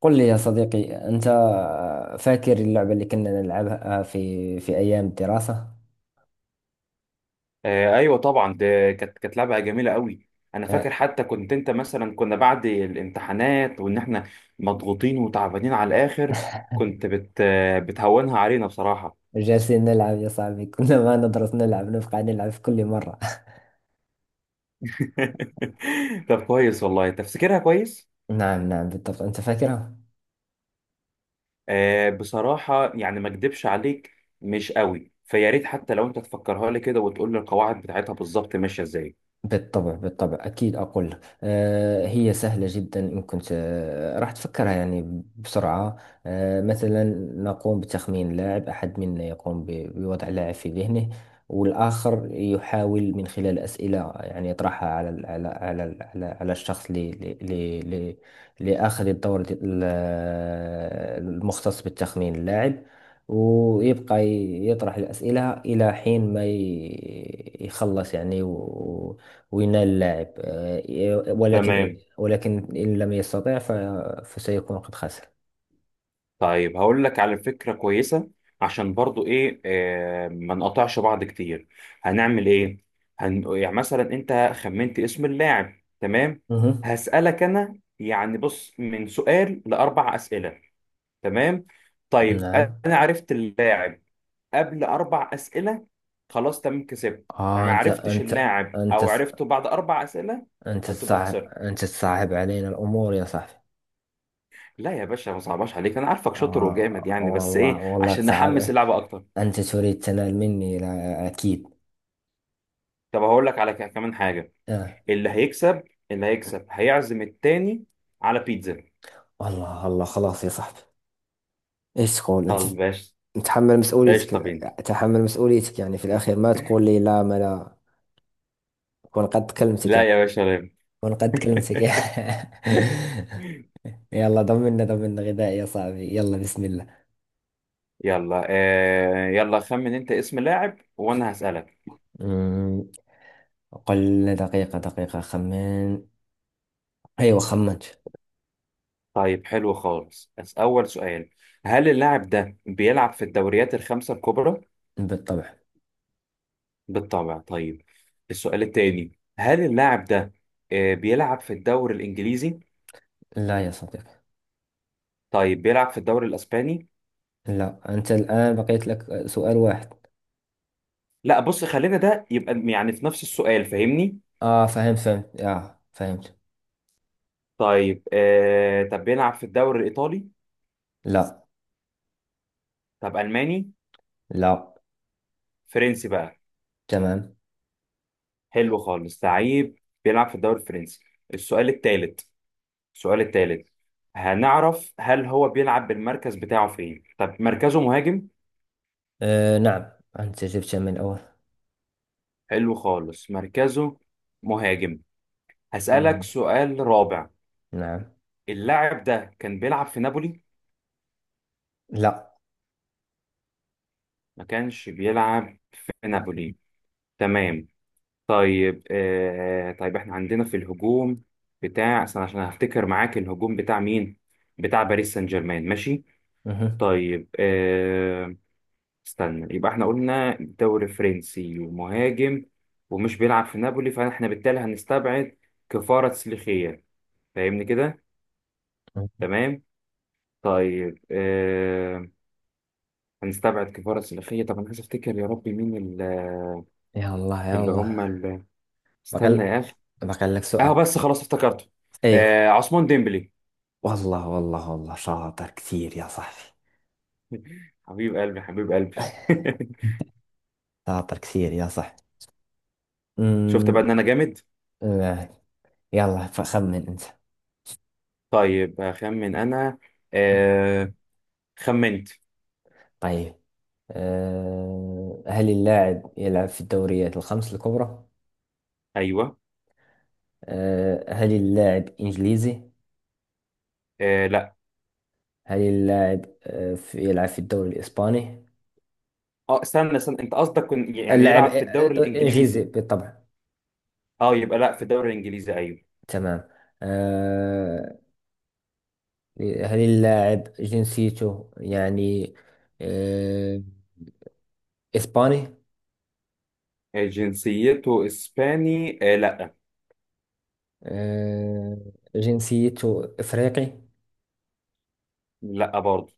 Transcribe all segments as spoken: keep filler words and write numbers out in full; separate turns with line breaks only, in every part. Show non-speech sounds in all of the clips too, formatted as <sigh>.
قل لي يا صديقي، أنت فاكر اللعبة اللي كنا نلعبها في في أيام الدراسة؟
آه، ايوه طبعا ده كانت كانت لعبه جميله قوي. انا
آه،
فاكر حتى كنت انت مثلا كنا بعد الامتحانات وان احنا مضغوطين وتعبانين على الاخر. كنت بت آه، بتهونها علينا بصراحه.
جالسين نلعب يا صاحبي، كنا ما ندرس، نلعب نبقى نلعب في كل مرة.
<laughs> طب كويس والله تفسيرها كويس.
<laughs> نعم نعم بالضبط، أنت فاكرها؟
آه بصراحه يعني ما اكدبش عليك، مش قوي فيا ريت حتى لو انت تفكرها لي كده وتقول لي القواعد بتاعتها بالظبط ماشيه ازاي.
بالطبع بالطبع أكيد أقول لك. آه، هي سهلة جدا إن كنت آه، راح تفكرها يعني بسرعة. آه، مثلا نقوم بتخمين لاعب، أحد منا يقوم ب- بوضع لاعب في ذهنه، والآخر يحاول من خلال أسئلة يعني يطرحها على ال- على على ال- على, على الشخص لي لي لي لي- لآخذ الدور د- ال- المختص بالتخمين اللاعب، ويبقى ي- يطرح الأسئلة إلى حين ما ي- يخلص يعني، وينال اللاعب. آه، ولكن
تمام،
ولكن إن لم يستطع ف- فسيكون قد خسر.
طيب هقول لك على فكرة كويسة. عشان برضو ايه آه ما نقطعش بعض كتير. هنعمل ايه؟ هن... يعني مثلا انت خمنت اسم اللاعب، تمام؟
مهم.
هسألك انا يعني بص من سؤال لأربع أسئلة، تمام؟ طيب
نعم.
انا عرفت اللاعب قبل أربع أسئلة، خلاص تمام كسبت. يعني
آه،
ما
أنت
عرفتش
أنت
اللاعب
أنت
او عرفته بعد أربع أسئلة
أنت
هتبقى
تصعب،
خسرت.
أنت تصعب علينا الأمور يا صاحبي.
لا يا باشا، ما صعباش عليك، انا عارفك شاطر وجامد
آه،
يعني، بس
والله
ايه
والله
عشان نحمس
تصعب.
اللعبة اكتر.
أنت تريد تنال مني، لا أكيد.
طب هقول لك على ك- كمان حاجه.
آه،
اللي هيكسب، اللي هيكسب هيعزم التاني على بيتزا.
الله الله، خلاص يا صاحبي. ايش تقول انت،
طب باشا
تتحمل مسؤوليتك؟
قشطه بينا.
تحمل مسؤوليتك يعني، في الاخير ما تقول لي لا، ما لا اكون قد كلمتك يعني.
لا يا باشا لا.
ونقد كلمتك.
<laughs>
<laughs> يلا، ضمنا ضمنا غذاء يا صاحبي، يلا بسم الله.
يلا آه يلا خمن انت اسم لاعب وانا هسألك.
أمم، قل لنا. دقيقة دقيقة خمن. أيوة، خمنت.
طيب حلو خالص، بس اول سؤال، هل اللاعب ده بيلعب في الدوريات الخمسة الكبرى؟
بالطبع.
بالطبع؟ طيب السؤال التاني، هل اللاعب ده آه بيلعب في الدوري الانجليزي؟
لا يا صديقي.
طيب بيلعب في الدوري الاسباني؟
لا، أنت الآن بقيت لك سؤال واحد.
لا بص خلينا ده يبقى يعني في نفس السؤال، فاهمني؟
آه، فهمت فهمت آه فهمت.
طيب آه طب بيلعب في الدوري الإيطالي؟
لا
طب ألماني؟
لا.
فرنسي بقى.
تمام.
حلو خالص، لعيب بيلعب في الدوري الفرنسي. السؤال الثالث، السؤال الثالث، هنعرف هل هو بيلعب بالمركز بتاعه فين. طب مركزه مهاجم؟
آه، نعم. أنت جبتها من الأول.
حلو خالص، مركزه مهاجم. هسألك
أمم،
سؤال رابع،
نعم.
اللاعب ده كان بيلعب في نابولي؟
لا.
ما كانش بيلعب في نابولي، تمام. طيب آه، طيب احنا عندنا في الهجوم بتاع أصل، عشان هفتكر معاك الهجوم بتاع مين، بتاع باريس سان جيرمان، ماشي.
مهم.
طيب آه، استنى يبقى احنا قلنا دوري فرنسي ومهاجم ومش بيلعب في نابولي، فاحنا بالتالي هنستبعد كفارة سليخية، فاهمني كده؟ تمام. طيب آه، هنستبعد كفارة سليخية. طب انا عايز افتكر يا ربي مين ال-
يلا
اللي
يلا.
هم اللي... استنى
بقى
يا اخي.
بقى لك
اه
سؤال.
بس خلاص افتكرته،
ايوه.
آه عثمان ديمبلي.
والله والله والله شاطر كثير يا صاحبي.
<laughs> حبيب قلبي، حبيب قلبي.
<laughs> شاطر كثير يا صاحبي.
<laughs> شفت بقى
أمم،
ان انا جامد.
آه، يلا فخمن أنت.
طيب هخمن انا. آه، خمنت.
طيب. آه، هل اللاعب يلعب في الدوريات الخمس الكبرى؟
ايوه.
آه، هل اللاعب إنجليزي؟
آه لا.
هل اللاعب آه، في- يلعب في الدوري الإسباني؟
اه استنى استنى، انت قصدك كن- يعني
اللاعب
يلعب في
آه،
الدوري
دوري إنجليزي
الانجليزي؟
بالطبع.
اه يبقى لا في الدوري الانجليزي، ايوه.
تمام. آه، هل اللاعب جنسيته يعني آه، إسباني؟
آه، جنسيته اسباني؟ آه لا.
آه، جنسيته إفريقي؟
لا برضه.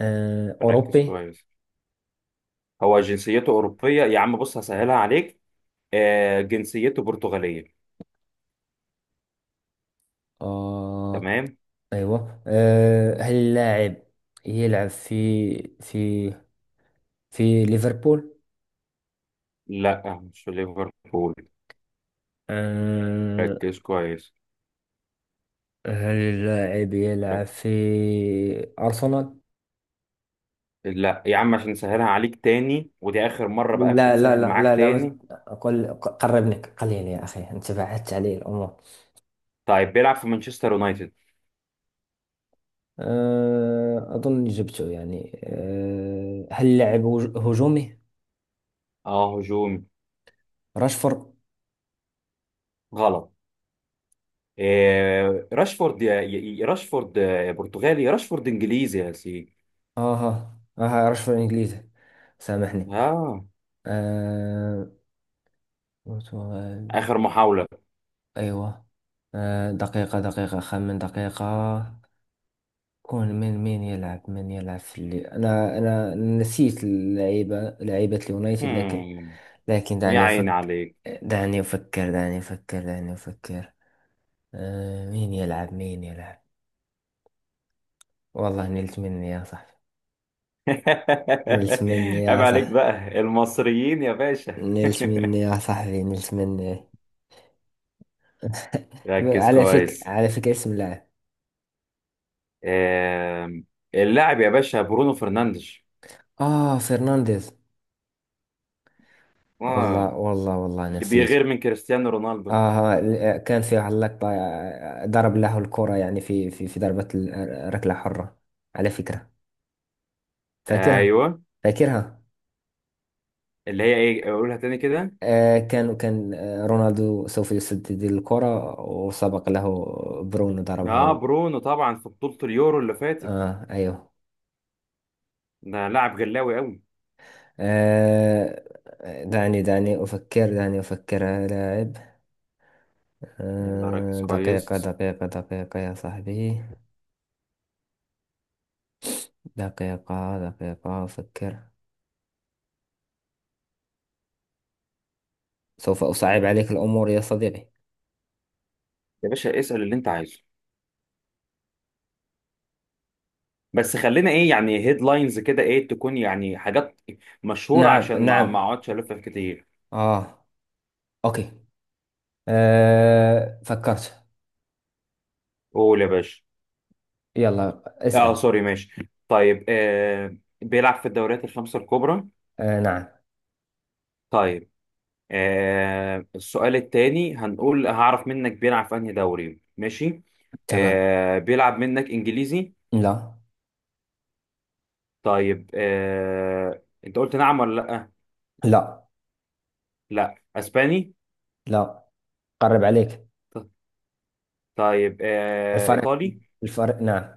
آه،
ركز
أوروبي؟
كويس، هو جنسيته اوروبيه يا عم، بص هسهلها عليك، آه جنسيته برتغاليه.
آه،
تمام.
أيوة. آه، هل اللاعب يلعب في في في ليفربول؟
لا مش في ليفربول.
آه،
ركز كويس.
هل اللاعب يلعب في أرسنال؟
لا يا عم، عشان نسهلها عليك تاني، ودي آخر مرة بقى، مش
لا لا
هتسهل
لا لا
معاك
لا مت...
تاني.
أقول قربني قليل يا أخي، أنت بعدت علي الأمور.
طيب بيلعب في مانشستر يونايتد.
آه، أظن جبته يعني. آه، هل اللاعب هج- هجومي؟
اه هجومي.
راشفورد.
غلط. آه راشفورد؟ يا يا- يا راشفورد، آه، برتغالي يا راشفورد إنجليزي يا سيدي.
اها، ما هعرفش في الانجليزي، سامحني.
اه.
آه، برتغال.
آخر محاولة.
ايوه. آه، دقيقة دقيقة خمن دقيقة. كون من مين يلعب، من يلعب في اللي... انا انا نسيت اللعيبة، لعيبة اليونايتد، لكن
هم.
لكن
يا
دعني
عيني
افكر
عليك.
دعني افكر دعني افكر دعني افكر. آه، مين يلعب مين يلعب. والله نلت مني يا صاحبي،
<laughs>
نلت مني
عيب
يا
عليك
صاحبي،
بقى المصريين يا باشا.
نلت مني يا
<laughs>
صاحبي، نلت مني. <laughs>
ركز
على فكرة،
كويس.
على فكرة، اسم لاعب.
آه، اللاعب يا باشا برونو فرنانديز.
اه، فرنانديز. والله
اه.
والله والله
اللي
نسيته.
بيغير من كريستيانو رونالدو.
اه، ل- كان في واحد اللقطة آه، ضرب له الكرة يعني في في في ضربة ال- ركلة حرة. على فكرة، فاكرها،
ايوه.
فاكرها.
اللي هي ايه، اقولها تاني كده.
آه، كان كان آه، رونالدو سوف يسدد الكرة وسبق له برونو ضربها
اه
و...
برونو طبعا في بطولة اليورو اللي فاتت.
اه ايوه.
ده لاعب غلاوي قوي.
آه، دعني دعني أفكر، دعني أفكر. لاعب.
يلا ركز
آه، دقيقة
كويس.
دقيقة دقيقة يا صاحبي. دقيقة دقيقة أفكر. سوف أصعب عليك الأمور يا صديقي.
يا باشا اسأل اللي انت عايزه، بس خلينا ايه يعني هيدلاينز كده، ايه تكون يعني حاجات مشهورة
نعم
عشان ما
نعم
ما اقعدش الف كتير.
آه، أوكي. أه، فكرت.
قول يا باشا.
يلا
اه
اسأل.
سوري ماشي. طيب آه، بيلعب في الدوريات الخمسة الكبرى؟
أه، نعم.
طيب آه السؤال التاني، هنقول هعرف منك بيلعب في انهي دوري، ماشي.
تمام.
آه بيلعب منك انجليزي؟
لا.
طيب آه... انت قلت نعم ولا لا؟
لا
لا اسباني؟
لا، قرب عليك.
ط- طيب آه...
الفرق،
ايطالي؟
الفرق نعم.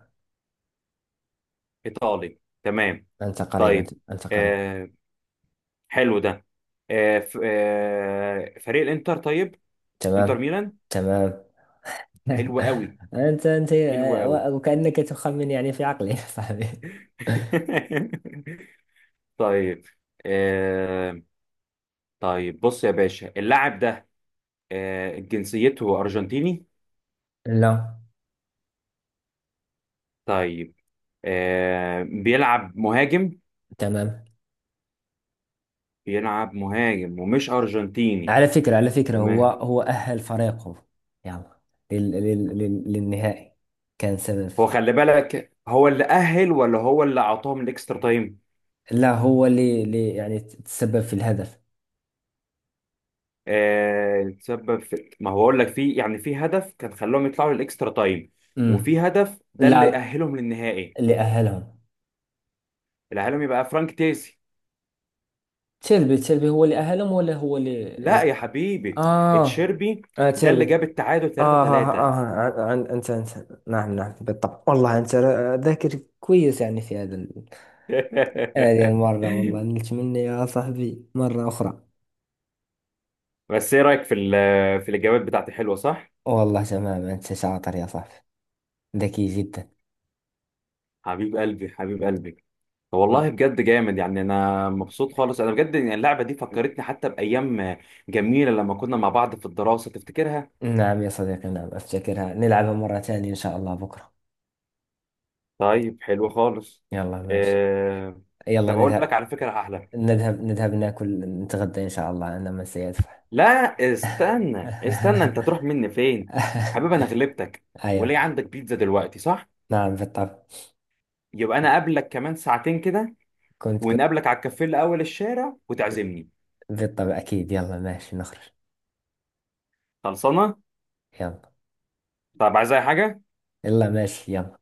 ايطالي، تمام.
أنت قريب، أنت,
طيب
أنت قريب.
آه... حلو ده. آه... ف... آه... فريق الانتر، طيب، انتر
تمام.
ميلان.
تمام.
حلو
<laughs>
قوي،
أنت أنت
حلو قوي.
آه، وكأنك تخمن يعني في عقلي. <laughs> يا صاحبي.
<laughs> طيب آه... طيب بص يا باشا، اللاعب ده آه... جنسيته ارجنتيني؟
لا.
طيب آه... بيلعب مهاجم؟
تمام.
بيلعب مهاجم ومش ارجنتيني.
على فكرة، على فكرة، هو
تمام.
هو أهل فريقه يعني لل لل لل للنهائي كان سبب.
هو خلي بالك، هو اللي أهل ولا هو اللي أعطاهم الإكسترا تايم؟
لا، هو اللي اللي يعني تسبب في الهدف.
آه تسبب في، ما هو أقول لك في يعني في هدف كان خلاهم يطلعوا للإكسترا تايم، وفي
امم.
هدف ده اللي
لا،
أهلهم للنهائي.
اللي أهلهم
اللي أهلهم يبقى فرانك تيسي.
تشيربي. تشيربي هو اللي أهلهم، ولا هو اللي
لا
اللي-
يا حبيبي.
اه.
تشيربي؟
اه،
ده
تشربي.
اللي جاب التعادل 3
اه اه
3
اه. عن عن- انت انت، نعم نعم بالطبع. والله انت را- ذاكر كويس يعني في هذا ال- هذه المرة. والله
<laughs>
نلت مني يا صاحبي مرة أخرى.
بس إيه رأيك في ال- في الإجابات بتاعتي، حلوة صح؟
والله تمام، أنت شاطر يا صاحبي، ذكي جدا.
حبيب قلبي، حبيب قلبي. والله بجد جامد يعني، انا مبسوط خالص انا بجد يعني. اللعبه دي فكرتني حتى بايام جميله لما كنا مع بعض في الدراسه، تفتكرها؟
نعم يا صديقي، نعم أفتكرها، نلعبها مرة ثانية إن شاء الله بكرة.
طيب حلو خالص.
يلا ماشي.
آه...
يلا
طب اقول لك
نذهب،
على فكره احلى.
نذهب نذهب ناكل نتغدى إن شاء الله، أنا من سيدفع.
لا استنى استنى، انت تروح
<laughs>
مني فين حبيبي، انا غلبتك.
أيوه.
وليه عندك بيتزا دلوقتي صح؟
نعم بالطبع.
يبقى انا اقابلك كمان ساعتين كده،
كنت كنت.
ونقابلك على الكافيه اللي اول الشارع وتعزمني.
بالطبع أكيد، يلا ماشي نخرج.
خلصانه.
يلا.
طب عايز اي حاجه؟
يلا ماشي يلا.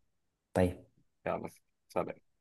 طيب.
يلا. سلام.